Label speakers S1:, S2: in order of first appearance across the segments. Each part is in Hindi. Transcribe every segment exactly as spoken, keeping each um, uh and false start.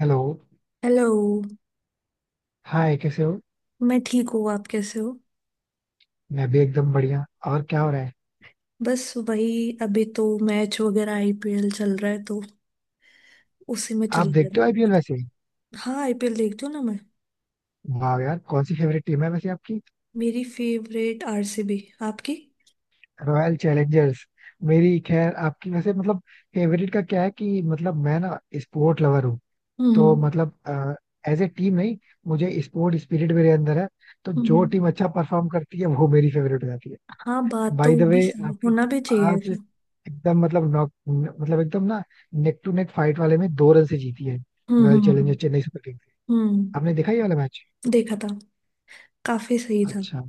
S1: हेलो।
S2: हेलो।
S1: हाय, कैसे हो?
S2: मैं ठीक हूँ, आप कैसे हो?
S1: मैं भी एकदम बढ़िया। और क्या हो रहा है?
S2: बस वही। अभी तो मैच वगैरह, आईपीएल चल रहा है तो उसी में
S1: आप
S2: चल रहा
S1: देखते हो आईपीएल
S2: है।
S1: वैसे?
S2: हाँ, आईपीएल देखती हूँ ना मैं।
S1: वाह यार, कौन सी फेवरेट टीम है वैसे आपकी?
S2: मेरी फेवरेट आरसीबी। आपकी?
S1: Royal Challengers. मेरी खैर, आपकी वैसे मतलब फेवरेट का क्या है कि मतलब मैं ना स्पोर्ट लवर हूँ। तो
S2: हम्म।
S1: मतलब एज ए टीम नहीं, मुझे स्पोर्ट स्पिरिट मेरे अंदर है। तो जो
S2: हम्म।
S1: टीम अच्छा परफॉर्म करती है वो मेरी फेवरेट हो जाती है।
S2: हाँ, बात तो
S1: बाय द
S2: भी
S1: वे,
S2: सही-
S1: आपकी
S2: होना भी
S1: टीम
S2: चाहिए
S1: आज
S2: ऐसा।
S1: एकदम मतलब नॉक मतलब एकदम ना नेक टू नेक फाइट वाले में दो रन से जीती है।
S2: हम्म।
S1: रॉयल
S2: हम्म।
S1: Challengers Chennai Super.
S2: हम्म।
S1: आपने देखा ये वाला मैच?
S2: देखा था। काफी सही था।
S1: अच्छा।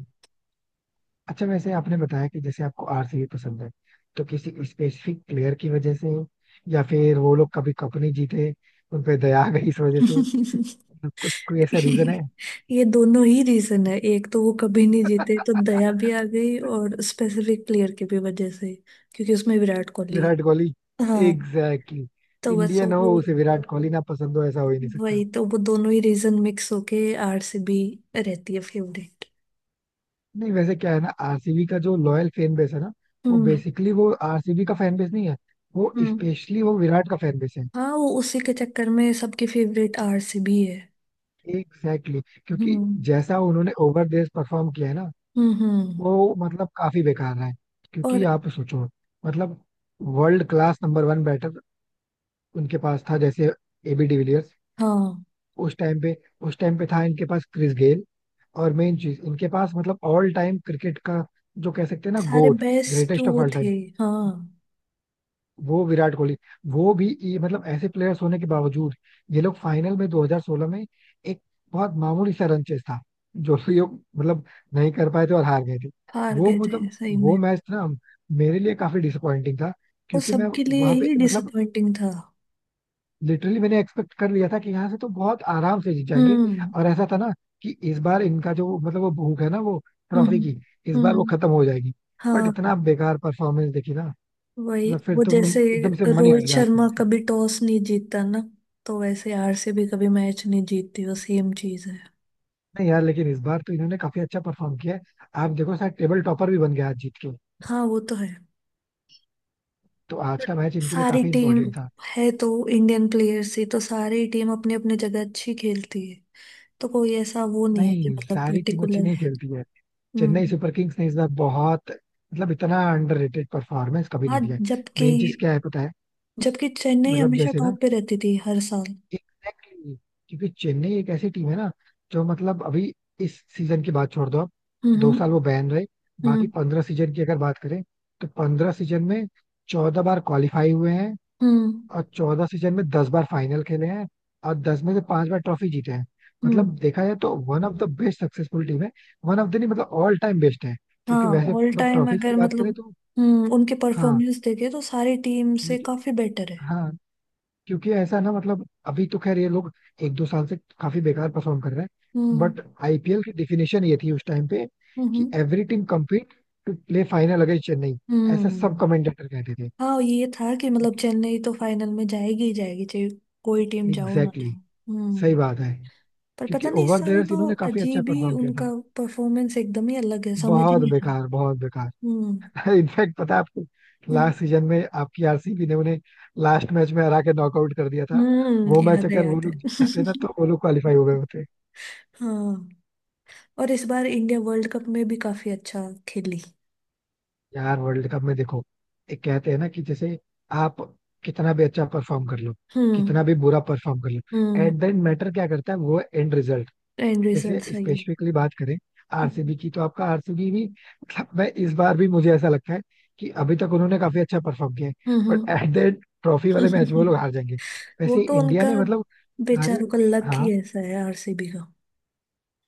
S1: अच्छा, वैसे आपने बताया कि जैसे आपको आरसीबी पसंद है, तो किसी स्पेसिफिक प्लेयर की वजह से, या फिर वो लोग कभी कप नहीं जीते उन पे दया आ गई इस वजह से, मतलब कुछ कोई ऐसा रीजन है?
S2: ये दोनों ही रीजन है, एक तो वो कभी नहीं जीते तो दया भी आ गई, और स्पेसिफिक प्लेयर की भी वजह से, क्योंकि उसमें विराट कोहली।
S1: विराट कोहली।
S2: हाँ।
S1: Exactly exactly.
S2: तो बस
S1: इंडियन
S2: वो।
S1: हो उसे विराट कोहली ना पसंद हो, ऐसा हो ही नहीं सकता।
S2: वही तो, वो दोनों ही रीजन मिक्स होके आरसीबी रहती है फेवरेट।
S1: नहीं, वैसे क्या है ना, आरसीबी का जो लॉयल फैन बेस है ना, वो
S2: हम्म।
S1: बेसिकली वो आरसीबी का फैन बेस नहीं है, वो
S2: हम्म।
S1: स्पेशली वो विराट का फैन बेस है।
S2: हाँ, वो उसी के चक्कर में सबकी फेवरेट आरसीबी है।
S1: Exactly exactly. क्योंकि
S2: हम्म।
S1: जैसा उन्होंने ओवर परफॉर्म किया है ना,
S2: हम्म। हम्म।
S1: वो मतलब काफी बेकार है। क्योंकि
S2: और
S1: आप सोचो, मतलब world class number one batter उनके पास था। जैसे एबी डिविलियर्स
S2: हाँ,
S1: उस टाइम पे। उस टाइम पे था इनके पास क्रिस गेल। और मेन चीज इनके पास मतलब ऑल टाइम क्रिकेट का जो कह सकते हैं ना
S2: सारे
S1: गोट,
S2: बेस्ट
S1: ग्रेटेस्ट ऑफ
S2: वो
S1: ऑल
S2: थे।
S1: टाइम,
S2: हाँ,
S1: वो विराट कोहली। वो भी ये मतलब ऐसे प्लेयर्स होने के बावजूद ये लोग फाइनल में दो हज़ार सोलह में एक बहुत मामूली सा रन चेस था जो कि ये मतलब नहीं कर पाए थे और हार गए थे।
S2: हार
S1: वो
S2: गए थे
S1: मतलब
S2: सही में।
S1: वो मैच ना मेरे लिए काफी डिसअपॉइंटिंग था।
S2: वो
S1: क्योंकि मैं
S2: सबके लिए
S1: वहां पे
S2: ही
S1: मतलब
S2: डिसअपॉइंटिंग था।
S1: लिटरली मैंने एक्सपेक्ट कर लिया था कि यहाँ से तो बहुत आराम से जीत जाएंगे।
S2: हम्म।
S1: और ऐसा था ना कि इस बार इनका जो मतलब वो भूख है ना, वो
S2: हम्म।
S1: ट्रॉफी की इस बार वो
S2: हम्म,
S1: खत्म हो जाएगी। बट
S2: हाँ।
S1: इतना बेकार परफॉर्मेंस देखी ना,
S2: वही
S1: मतलब फिर
S2: वो,
S1: तो
S2: जैसे
S1: एकदम से मन ही हट
S2: रोहित
S1: गया।
S2: शर्मा कभी टॉस नहीं जीतता ना, तो वैसे आरसीबी कभी मैच नहीं जीतती, वो सेम चीज है।
S1: नहीं यार, लेकिन इस बार तो इन्होंने काफी अच्छा परफॉर्म किया है। आप देखो, शायद टेबल टॉपर भी बन गया आज जीत के।
S2: हाँ वो तो है।
S1: तो आज का मैच इनके लिए
S2: सारी
S1: काफी
S2: टीम
S1: इंपॉर्टेंट था।
S2: है तो इंडियन प्लेयर्स ही, तो सारी टीम अपनी अपनी जगह अच्छी खेलती है, तो कोई ऐसा वो नहीं है कि
S1: नहीं,
S2: मतलब
S1: सारी टीम अच्छी
S2: पर्टिकुलर।
S1: नहीं खेलती है।
S2: हम्म।
S1: चेन्नई सुपर किंग्स ने इस बार बहुत मतलब इतना अंडररेटेड परफॉर्मेंस कभी
S2: हाँ।
S1: नहीं दिया है।
S2: जबकि
S1: मेन चीज क्या है पता है?
S2: जबकि चेन्नई
S1: मतलब
S2: हमेशा
S1: जैसे ना,
S2: टॉप पे रहती थी हर साल।
S1: एग्जैक्टली। क्योंकि चेन्नई एक ऐसी टीम है ना जो मतलब अभी इस सीजन की बात छोड़ दो आप, दो साल
S2: हम्म।
S1: वो बैन रहे, बाकी
S2: हम्म।
S1: पंद्रह सीजन की अगर बात करें, तो पंद्रह सीजन में चौदह बार क्वालिफाई हुए हैं।
S2: हम्म।
S1: और चौदह सीजन में दस बार फाइनल खेले हैं, और दस में से पांच बार ट्रॉफी जीते हैं। मतलब
S2: हम्म।
S1: देखा जाए तो one of the best successful team है। वन ऑफ द नहीं, मतलब ऑल टाइम बेस्ट है।
S2: हाँ,
S1: क्योंकि वैसे
S2: ऑल
S1: बट
S2: टाइम
S1: ट्रॉफीज की
S2: अगर
S1: बात
S2: मतलब,
S1: करें तो
S2: हम्म उनके
S1: हाँ।
S2: परफॉर्मेंस देखे तो सारी टीम से
S1: लेकिन-
S2: काफी बेटर है।
S1: हाँ, क्योंकि ऐसा ना मतलब अभी तो खैर ये लोग एक दो साल से काफी बेकार परफॉर्म कर रहे हैं,
S2: हम्म।
S1: बट आईपीएल की डिफिनेशन ये थी उस टाइम पे कि
S2: हम्म।
S1: Every team compete to play final against Chennai. ऐसा सब
S2: हम्म।
S1: कमेंटेटर कहते थे।
S2: हाँ, ये था कि मतलब
S1: क्योंकि
S2: चेन्नई तो फाइनल में जाएगी ही जाएगी, चाहे कोई टीम जाओ ना
S1: एग्जैक्टली exactly,
S2: जाओ।
S1: सही
S2: हम्म।
S1: बात है।
S2: पर पता
S1: क्योंकि
S2: नहीं, इस
S1: ओवर द
S2: साल
S1: इयर्स
S2: तो
S1: इन्होंने काफी अच्छा
S2: अजीब ही
S1: परफॉर्म किया
S2: उनका
S1: था।
S2: परफॉर्मेंस एकदम ही अलग है, समझ ही
S1: बहुत
S2: नहीं आया।
S1: बेकार, बहुत बेकार।
S2: हम्म।
S1: इनफैक्ट पता है आपको,
S2: हम्म।
S1: लास्ट सीजन में आपकी आरसीबी ने उन्हें लास्ट मैच में हरा के नॉकआउट कर दिया था।
S2: हम्म,
S1: वो मैच
S2: याद है
S1: अगर वो
S2: याद है।
S1: लोग जीत जाते ना, तो वो लोग क्वालिफाई हो गए होते।
S2: हाँ। और इस बार इंडिया वर्ल्ड कप में भी काफी अच्छा खेली।
S1: यार वर्ल्ड कप में देखो, एक कहते हैं ना कि जैसे आप कितना भी अच्छा परफॉर्म कर लो,
S2: हम्म।
S1: कितना भी बुरा परफॉर्म कर लो,
S2: हम्म।
S1: एट द मैटर क्या करता है वो एंड रिजल्ट।
S2: एंड रिजल्ट
S1: जैसे
S2: सही है।
S1: स्पेसिफिकली बात करें
S2: हम्म।
S1: आरसीबी की, तो आपका आरसीबी भी मतलब मैं इस बार भी मुझे ऐसा लगता है कि अभी तक उन्होंने काफी अच्छा परफॉर्म किया है, बट
S2: हम्म।
S1: एट द एंड ट्रॉफी वाले मैच में वो लोग हार जाएंगे।
S2: वो
S1: वैसे
S2: तो
S1: इंडिया
S2: उनका,
S1: ने मतलब सारे,
S2: बेचारों का लक ही
S1: हाँ
S2: ऐसा है आरसीबी का।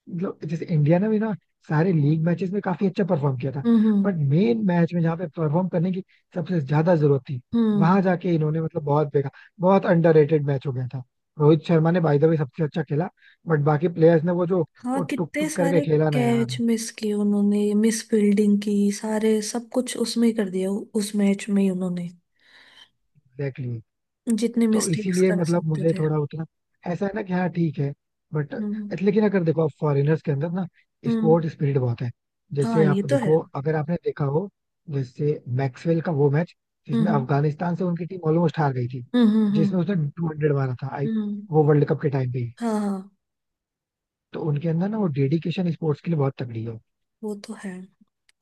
S1: मतलब जैसे इंडिया ने भी ना सारे लीग मैचेस में काफी अच्छा परफॉर्म किया था,
S2: हम्म।
S1: बट मेन मैच में जहाँ पे परफॉर्म करने की सबसे ज्यादा जरूरत थी,
S2: हम्म।
S1: वहां जाके इन्होंने मतलब बहुत बेकार, बहुत अंडररेटेड मैच हो गया था। रोहित शर्मा ने बाय द वे सबसे अच्छा खेला, बट बाकी प्लेयर्स ने वो जो
S2: हाँ
S1: वो टुक
S2: कितने
S1: टुक करके
S2: सारे
S1: खेला ना
S2: कैच
S1: यार।
S2: मिस किए उन्होंने, मिस फील्डिंग की, सारे सब कुछ उसमें ही कर दिया, उ- उस मैच में ही उन्होंने
S1: एग्जैक्टली।
S2: जितने
S1: तो
S2: मिस्टेक्स
S1: इसीलिए
S2: कर
S1: मतलब
S2: सकते
S1: मुझे
S2: थे।
S1: थोड़ा उतना ऐसा है ना कि हाँ ठीक है बट।
S2: हम्म।
S1: लेकिन अगर देखो आप, फॉरेनर्स के अंदर ना
S2: हम्म।
S1: स्पोर्ट स्पिरिट बहुत है। जैसे
S2: हाँ, ये
S1: आप
S2: तो है।
S1: देखो, अगर आपने देखा हो, जैसे मैक्सवेल का वो मैच जिसमें
S2: हम्म।
S1: अफगानिस्तान से उनकी टीम ऑलमोस्ट हार गई थी,
S2: हम्म। हम्म,
S1: जिसमें उसने टू हंड्रेड मारा था, आई,
S2: हम्म,
S1: वो वर्ल्ड कप के टाइम पे ही।
S2: हाँ। हाँ
S1: तो उनके अंदर ना वो डेडिकेशन स्पोर्ट्स के लिए बहुत तगड़ी है।
S2: वो तो है।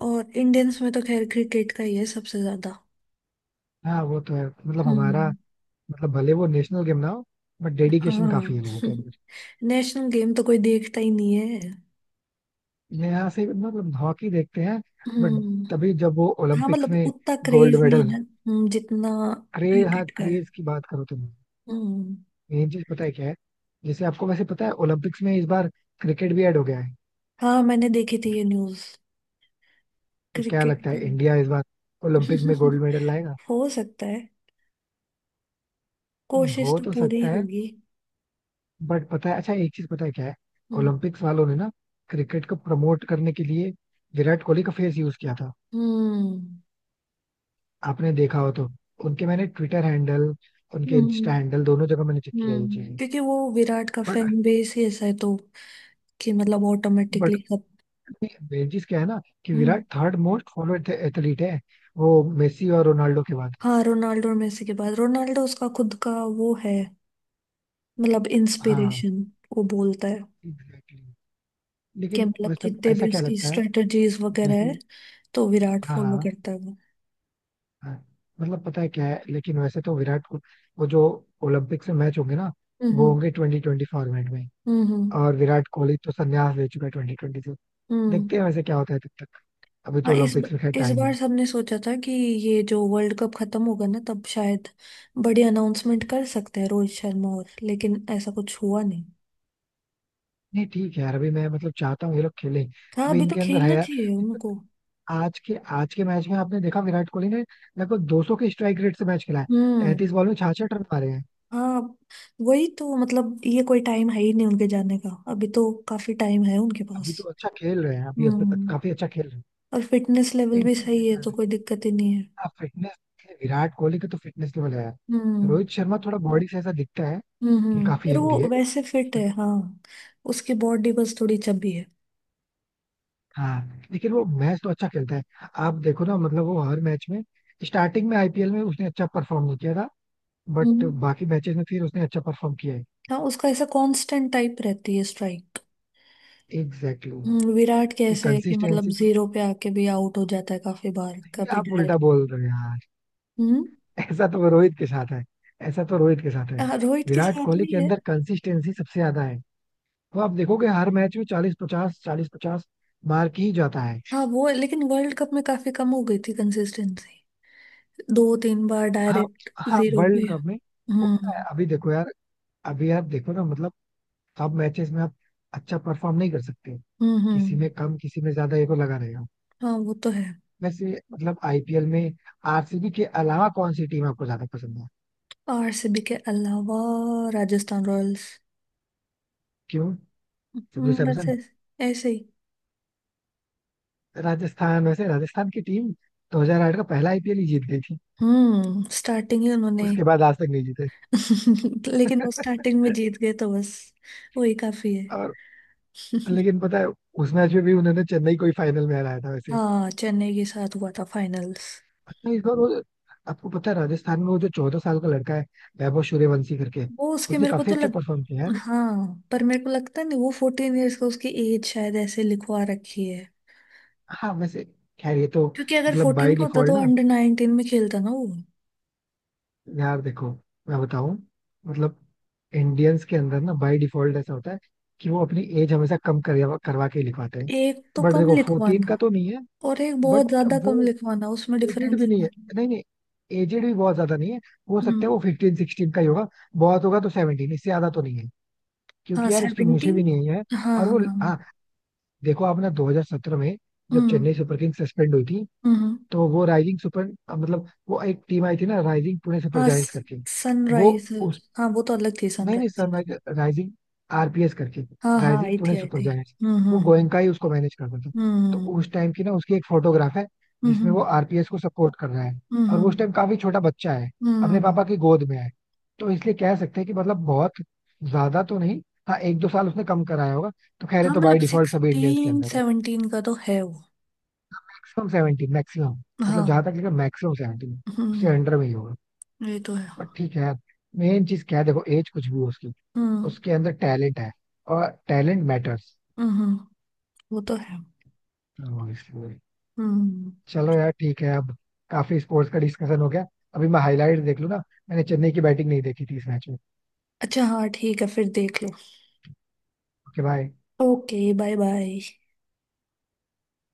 S2: और इंडियंस में तो खैर क्रिकेट का ही है सबसे ज्यादा।
S1: हाँ वो तो है, मतलब हमारा
S2: हम्म।
S1: मतलब भले वो नेशनल गेम ना हो, बट डेडिकेशन
S2: हाँ।
S1: काफी है लोगों के अंदर।
S2: नेशनल गेम तो कोई देखता ही नहीं है।
S1: मैं यहाँ से मतलब हॉकी देखते हैं, बट
S2: हम्म।
S1: तभी जब वो
S2: हाँ
S1: ओलंपिक्स
S2: मतलब
S1: में
S2: उतना
S1: गोल्ड
S2: क्रेज नहीं है
S1: मेडल।
S2: ना, हम्म, जितना
S1: क्रेज, हाँ
S2: क्रिकेट का है।
S1: क्रेज की बात करो तुम।
S2: हम्म।
S1: मेन चीज पता है क्या है? जैसे आपको वैसे पता है ओलंपिक्स में इस बार क्रिकेट भी ऐड हो गया है।
S2: हाँ, मैंने देखी थी ये न्यूज,
S1: तो क्या
S2: क्रिकेट
S1: लगता
S2: को।
S1: है इंडिया इस बार ओलंपिक में गोल्ड मेडल लाएगा?
S2: हो सकता है,
S1: नहीं,
S2: कोशिश
S1: हो
S2: तो
S1: तो
S2: पूरी
S1: सकता है
S2: होगी।
S1: बट पता है, अच्छा एक चीज पता है क्या है,
S2: हम्म।
S1: ओलंपिक्स वालों ने ना क्रिकेट को प्रमोट करने के लिए विराट कोहली का फेस यूज किया था।
S2: हम्म।
S1: आपने देखा हो तो, उनके मैंने ट्विटर हैंडल, उनके
S2: हम्म।
S1: इंस्टा हैंडल दोनों जगह मैंने चेक किया ये
S2: हम्म।
S1: चीज।
S2: क्योंकि वो विराट का फैन बेस ही ऐसा है, तो कि मतलब
S1: बट
S2: ऑटोमेटिकली सब।
S1: बेजिस क्या है ना कि
S2: हम्म।
S1: Virat third most followed athlete है, वो मेसी और रोनाल्डो के बाद।
S2: हाँ, रोनाल्डो और मेसी के बाद। रोनाल्डो उसका खुद का वो है, मतलब
S1: हाँ।
S2: इंस्पिरेशन। वो बोलता है
S1: एग्जैक्टली exactly.
S2: कि
S1: लेकिन
S2: मतलब
S1: वैसे
S2: जितने
S1: ऐसा
S2: भी
S1: क्या
S2: उसकी
S1: लगता है
S2: स्ट्रेटजीज वगैरह है,
S1: जैसे,
S2: तो विराट
S1: हाँ
S2: फॉलो
S1: हाँ
S2: करता है वो।
S1: हाँ, मतलब पता है क्या है, लेकिन वैसे तो विराट को वो जो ओलंपिक से मैच होंगे ना, वो
S2: हम्म।
S1: होंगे ट्वेंटी ट्वेंटी फॉर्मेट में,
S2: हम्म।
S1: और विराट कोहली तो संन्यास ले चुका है ट्वेंटी ट्वेंटी से।
S2: हम्म।
S1: देखते हैं वैसे क्या होता है तब तक, अभी तो
S2: हाँ, इस
S1: ओलंपिक्स में खैर
S2: इस
S1: टाइम
S2: बार
S1: है।
S2: सबने सोचा था कि ये जो वर्ल्ड कप खत्म होगा ना तब शायद बड़ी अनाउंसमेंट कर सकते हैं रोहित शर्मा, और लेकिन ऐसा कुछ हुआ नहीं।
S1: नहीं ठीक है यार, अभी मैं मतलब चाहता हूँ ये लोग खेलें।
S2: हाँ,
S1: अभी
S2: अभी तो
S1: इनके अंदर है
S2: खेलना
S1: यार।
S2: चाहिए उनको।
S1: आज के आज के मैच में आपने देखा विराट कोहली ने लगभग दो सौ के स्ट्राइक रेट से मैच खेला है।
S2: हम्म।
S1: तैंतीस बॉल में छियासठ रन मारे हैं।
S2: हाँ, वही तो, मतलब ये कोई टाइम है ही नहीं उनके जाने का, अभी तो काफी टाइम है उनके पास।
S1: अभी तो अच्छा खेल रहे हैं, अभी अभी तक
S2: हम्म।
S1: काफी अच्छा खेल रहे हैं।
S2: और फिटनेस लेवल
S1: लेकिन
S2: भी
S1: ठीक है
S2: सही है
S1: क्या
S2: तो
S1: है,
S2: कोई दिक्कत ही नहीं है।
S1: आप फिटनेस विराट कोहली का तो फिटनेस लेवल है यार।
S2: हम्म।
S1: रोहित शर्मा थोड़ा बॉडी से ऐसा दिखता है
S2: हम्म।
S1: कि
S2: हम्म,
S1: काफी
S2: यार
S1: हेल्दी
S2: वो
S1: है।
S2: वैसे फिट है हाँ, उसकी बॉडी बस थोड़ी चबी है।
S1: हाँ लेकिन वो मैच तो अच्छा खेलता है। आप देखो ना, मतलब वो हर मैच में स्टार्टिंग में आईपीएल में उसने अच्छा परफॉर्म नहीं किया था, बट
S2: हम्म।
S1: बाकी मैचेस में फिर उसने अच्छा परफॉर्म किया है।
S2: हाँ, उसका ऐसा कांस्टेंट टाइप रहती है स्ट्राइक।
S1: एग्जैक्टली
S2: हम्म,
S1: exactly.
S2: विराट कैसे है कि मतलब
S1: कंसिस्टेंसी तो
S2: जीरो पे आके भी आउट हो जाता है काफी बार,
S1: नहीं,
S2: कभी
S1: आप उल्टा
S2: डायरेक्ट।
S1: बोल रहे हैं।
S2: हम्म।
S1: ऐसा तो रोहित के साथ है। ऐसा तो रोहित के साथ है।
S2: हाँ, रोहित के
S1: विराट
S2: साथ
S1: कोहली
S2: भी
S1: के
S2: है।
S1: अंदर कंसिस्टेंसी सबसे ज्यादा है। वो आप देखोगे हर मैच में चालीस पचास चालीस पचास मार के ही जाता है।
S2: हाँ वो है, लेकिन वर्ल्ड कप में काफी कम हो गई थी कंसिस्टेंसी, दो तीन बार
S1: हाँ।
S2: डायरेक्ट
S1: हाँ
S2: जीरो पे।
S1: वर्ल्ड कप में होता है।
S2: हम्म।
S1: अभी देखो यार, अभी यार देखो ना मतलब सब मैचेस में आप अच्छा परफॉर्म नहीं कर सकते,
S2: हम्म।
S1: किसी
S2: हम्म,
S1: में कम किसी में ज्यादा ये को लगा रहेगा।
S2: हाँ वो तो है।
S1: वैसे मतलब आईपीएल में आरसीबी के अलावा कौन सी टीम आपको ज्यादा पसंद है?
S2: आरसीबी के अलावा राजस्थान रॉयल्स।
S1: क्यों? संजू
S2: हम्म बस
S1: सैमसन?
S2: ऐसे। ऐसे ही।
S1: राजस्थान, वैसे राजस्थान की टीम दो हज़ार आठ का पहला आईपीएल ही जीत गई।
S2: हम्म स्टार्टिंग ही उन्होंने।
S1: उसके बाद आज तक नहीं जीते।
S2: लेकिन वो स्टार्टिंग में जीत गए तो बस वही काफी है।
S1: और, लेकिन पता है, उस मैच में भी उन्होंने चेन्नई को ही फाइनल में हराया था वैसे।
S2: हाँ, चेन्नई के साथ हुआ था फाइनल्स।
S1: अच्छा, इस बार वो आपको पता है राजस्थान में वो जो चौदह साल का लड़का है, वैभव सूर्यवंशी करके,
S2: वो उसके
S1: उसने
S2: मेरे को
S1: काफी
S2: तो
S1: अच्छा
S2: लग,
S1: परफॉर्म किया यार।
S2: हाँ पर मेरे को लगता नहीं वो फोर्टीन इयर्स का, उसकी एज शायद ऐसे लिखवा रखी है,
S1: हाँ वैसे खैर ये तो
S2: क्योंकि अगर
S1: मतलब
S2: फोर्टीन
S1: बाय
S2: का होता
S1: डिफॉल्ट
S2: तो
S1: ना,
S2: अंडर नाइनटीन में खेलता ना वो।
S1: यार देखो मैं बताऊं, मतलब इंडियंस के अंदर ना बाय डिफॉल्ट ऐसा होता है कि वो अपनी एज हमेशा कम करवा करवा के ही लिखवाते हैं।
S2: एक तो
S1: बट
S2: कम
S1: देखो, फोर्टीन
S2: लिखवाना,
S1: का तो नहीं है,
S2: और एक
S1: बट
S2: बहुत ज्यादा
S1: वो
S2: कम लिखवाना, उसमें
S1: एजेड
S2: डिफरेंस।
S1: भी नहीं है। नहीं नहीं, एजेड भी बहुत ज्यादा नहीं है। हो सकता है
S2: हम्म।
S1: वो फिफ्टीन सिक्सटीन का ही होगा। बहुत होगा तो सेवनटीन, इससे ज्यादा तो नहीं है,
S2: हाँ,
S1: क्योंकि यार उसकी मूछें
S2: सेवनटीन।
S1: भी नहीं है।
S2: हाँ
S1: और
S2: हाँ
S1: वो
S2: हाँ।
S1: हाँ, देखो आपने दो हज़ार सत्रह में जब
S2: हम्म।
S1: चेन्नई सुपर किंग्स सस्पेंड हुई थी,
S2: हम्म।
S1: तो वो राइजिंग सुपर मतलब वो एक टीम आई थी ना राइजिंग पुणे सुपर
S2: हाँ
S1: जायंट्स करके। वो उस,
S2: सनराइजर्स, हाँ वो तो अलग थी
S1: नहीं नहीं सर
S2: सनराइजर्स।
S1: मैं, राइजिंग आरपीएस करके,
S2: हाँ हाँ
S1: राइजिंग
S2: आई थी
S1: पुणे
S2: आई
S1: सुपर
S2: थी।
S1: जायंट्स।
S2: हम्म।
S1: वो
S2: हम्म।
S1: गोयनका ही उसको मैनेज करता था। तो
S2: हम्म।
S1: उस टाइम की ना उसकी एक फोटोग्राफ है
S2: हम्म।
S1: जिसमें वो
S2: हम्म।
S1: आरपीएस को सपोर्ट कर रहा है, और वो
S2: हम्म।
S1: उस टाइम काफी छोटा बच्चा है,
S2: हम्म,
S1: अपने
S2: हम्म।
S1: पापा की गोद में है। तो इसलिए कह सकते हैं कि मतलब बहुत ज्यादा तो नहीं, हाँ एक दो साल उसने कम कराया होगा, तो खैर ये
S2: हाँ,
S1: तो
S2: मतलब
S1: बाई डिफॉल्ट सभी इंडियंस के
S2: सिक्सटीन
S1: अंदर है।
S2: सेवनटीन का तो है वो।
S1: मैक्सिमम सेवेंटी, मैक्सिमम मतलब जहां
S2: हाँ।
S1: तक लेकर मैक्सिमम सेवेंटी, उससे
S2: हम्म।
S1: अंडर में ही होगा।
S2: ये तो है।
S1: पर ठीक है यार, मेन चीज क्या है देखो, एज कुछ भी हो उसकी,
S2: हम्म।
S1: उसके अंदर टैलेंट है और टैलेंट मैटर्स।
S2: हम्म। हम्म, वो तो है।
S1: तो इसलिए
S2: हम्म।
S1: चलो यार ठीक है अब, काफी स्पोर्ट्स का डिस्कशन हो गया। अभी मैं हाईलाइट देख लूँ ना, मैंने चेन्नई की बैटिंग नहीं देखी थी इस मैच में।
S2: अच्छा हाँ ठीक है फिर देख लो।
S1: Okay bye.
S2: Okay bye bye.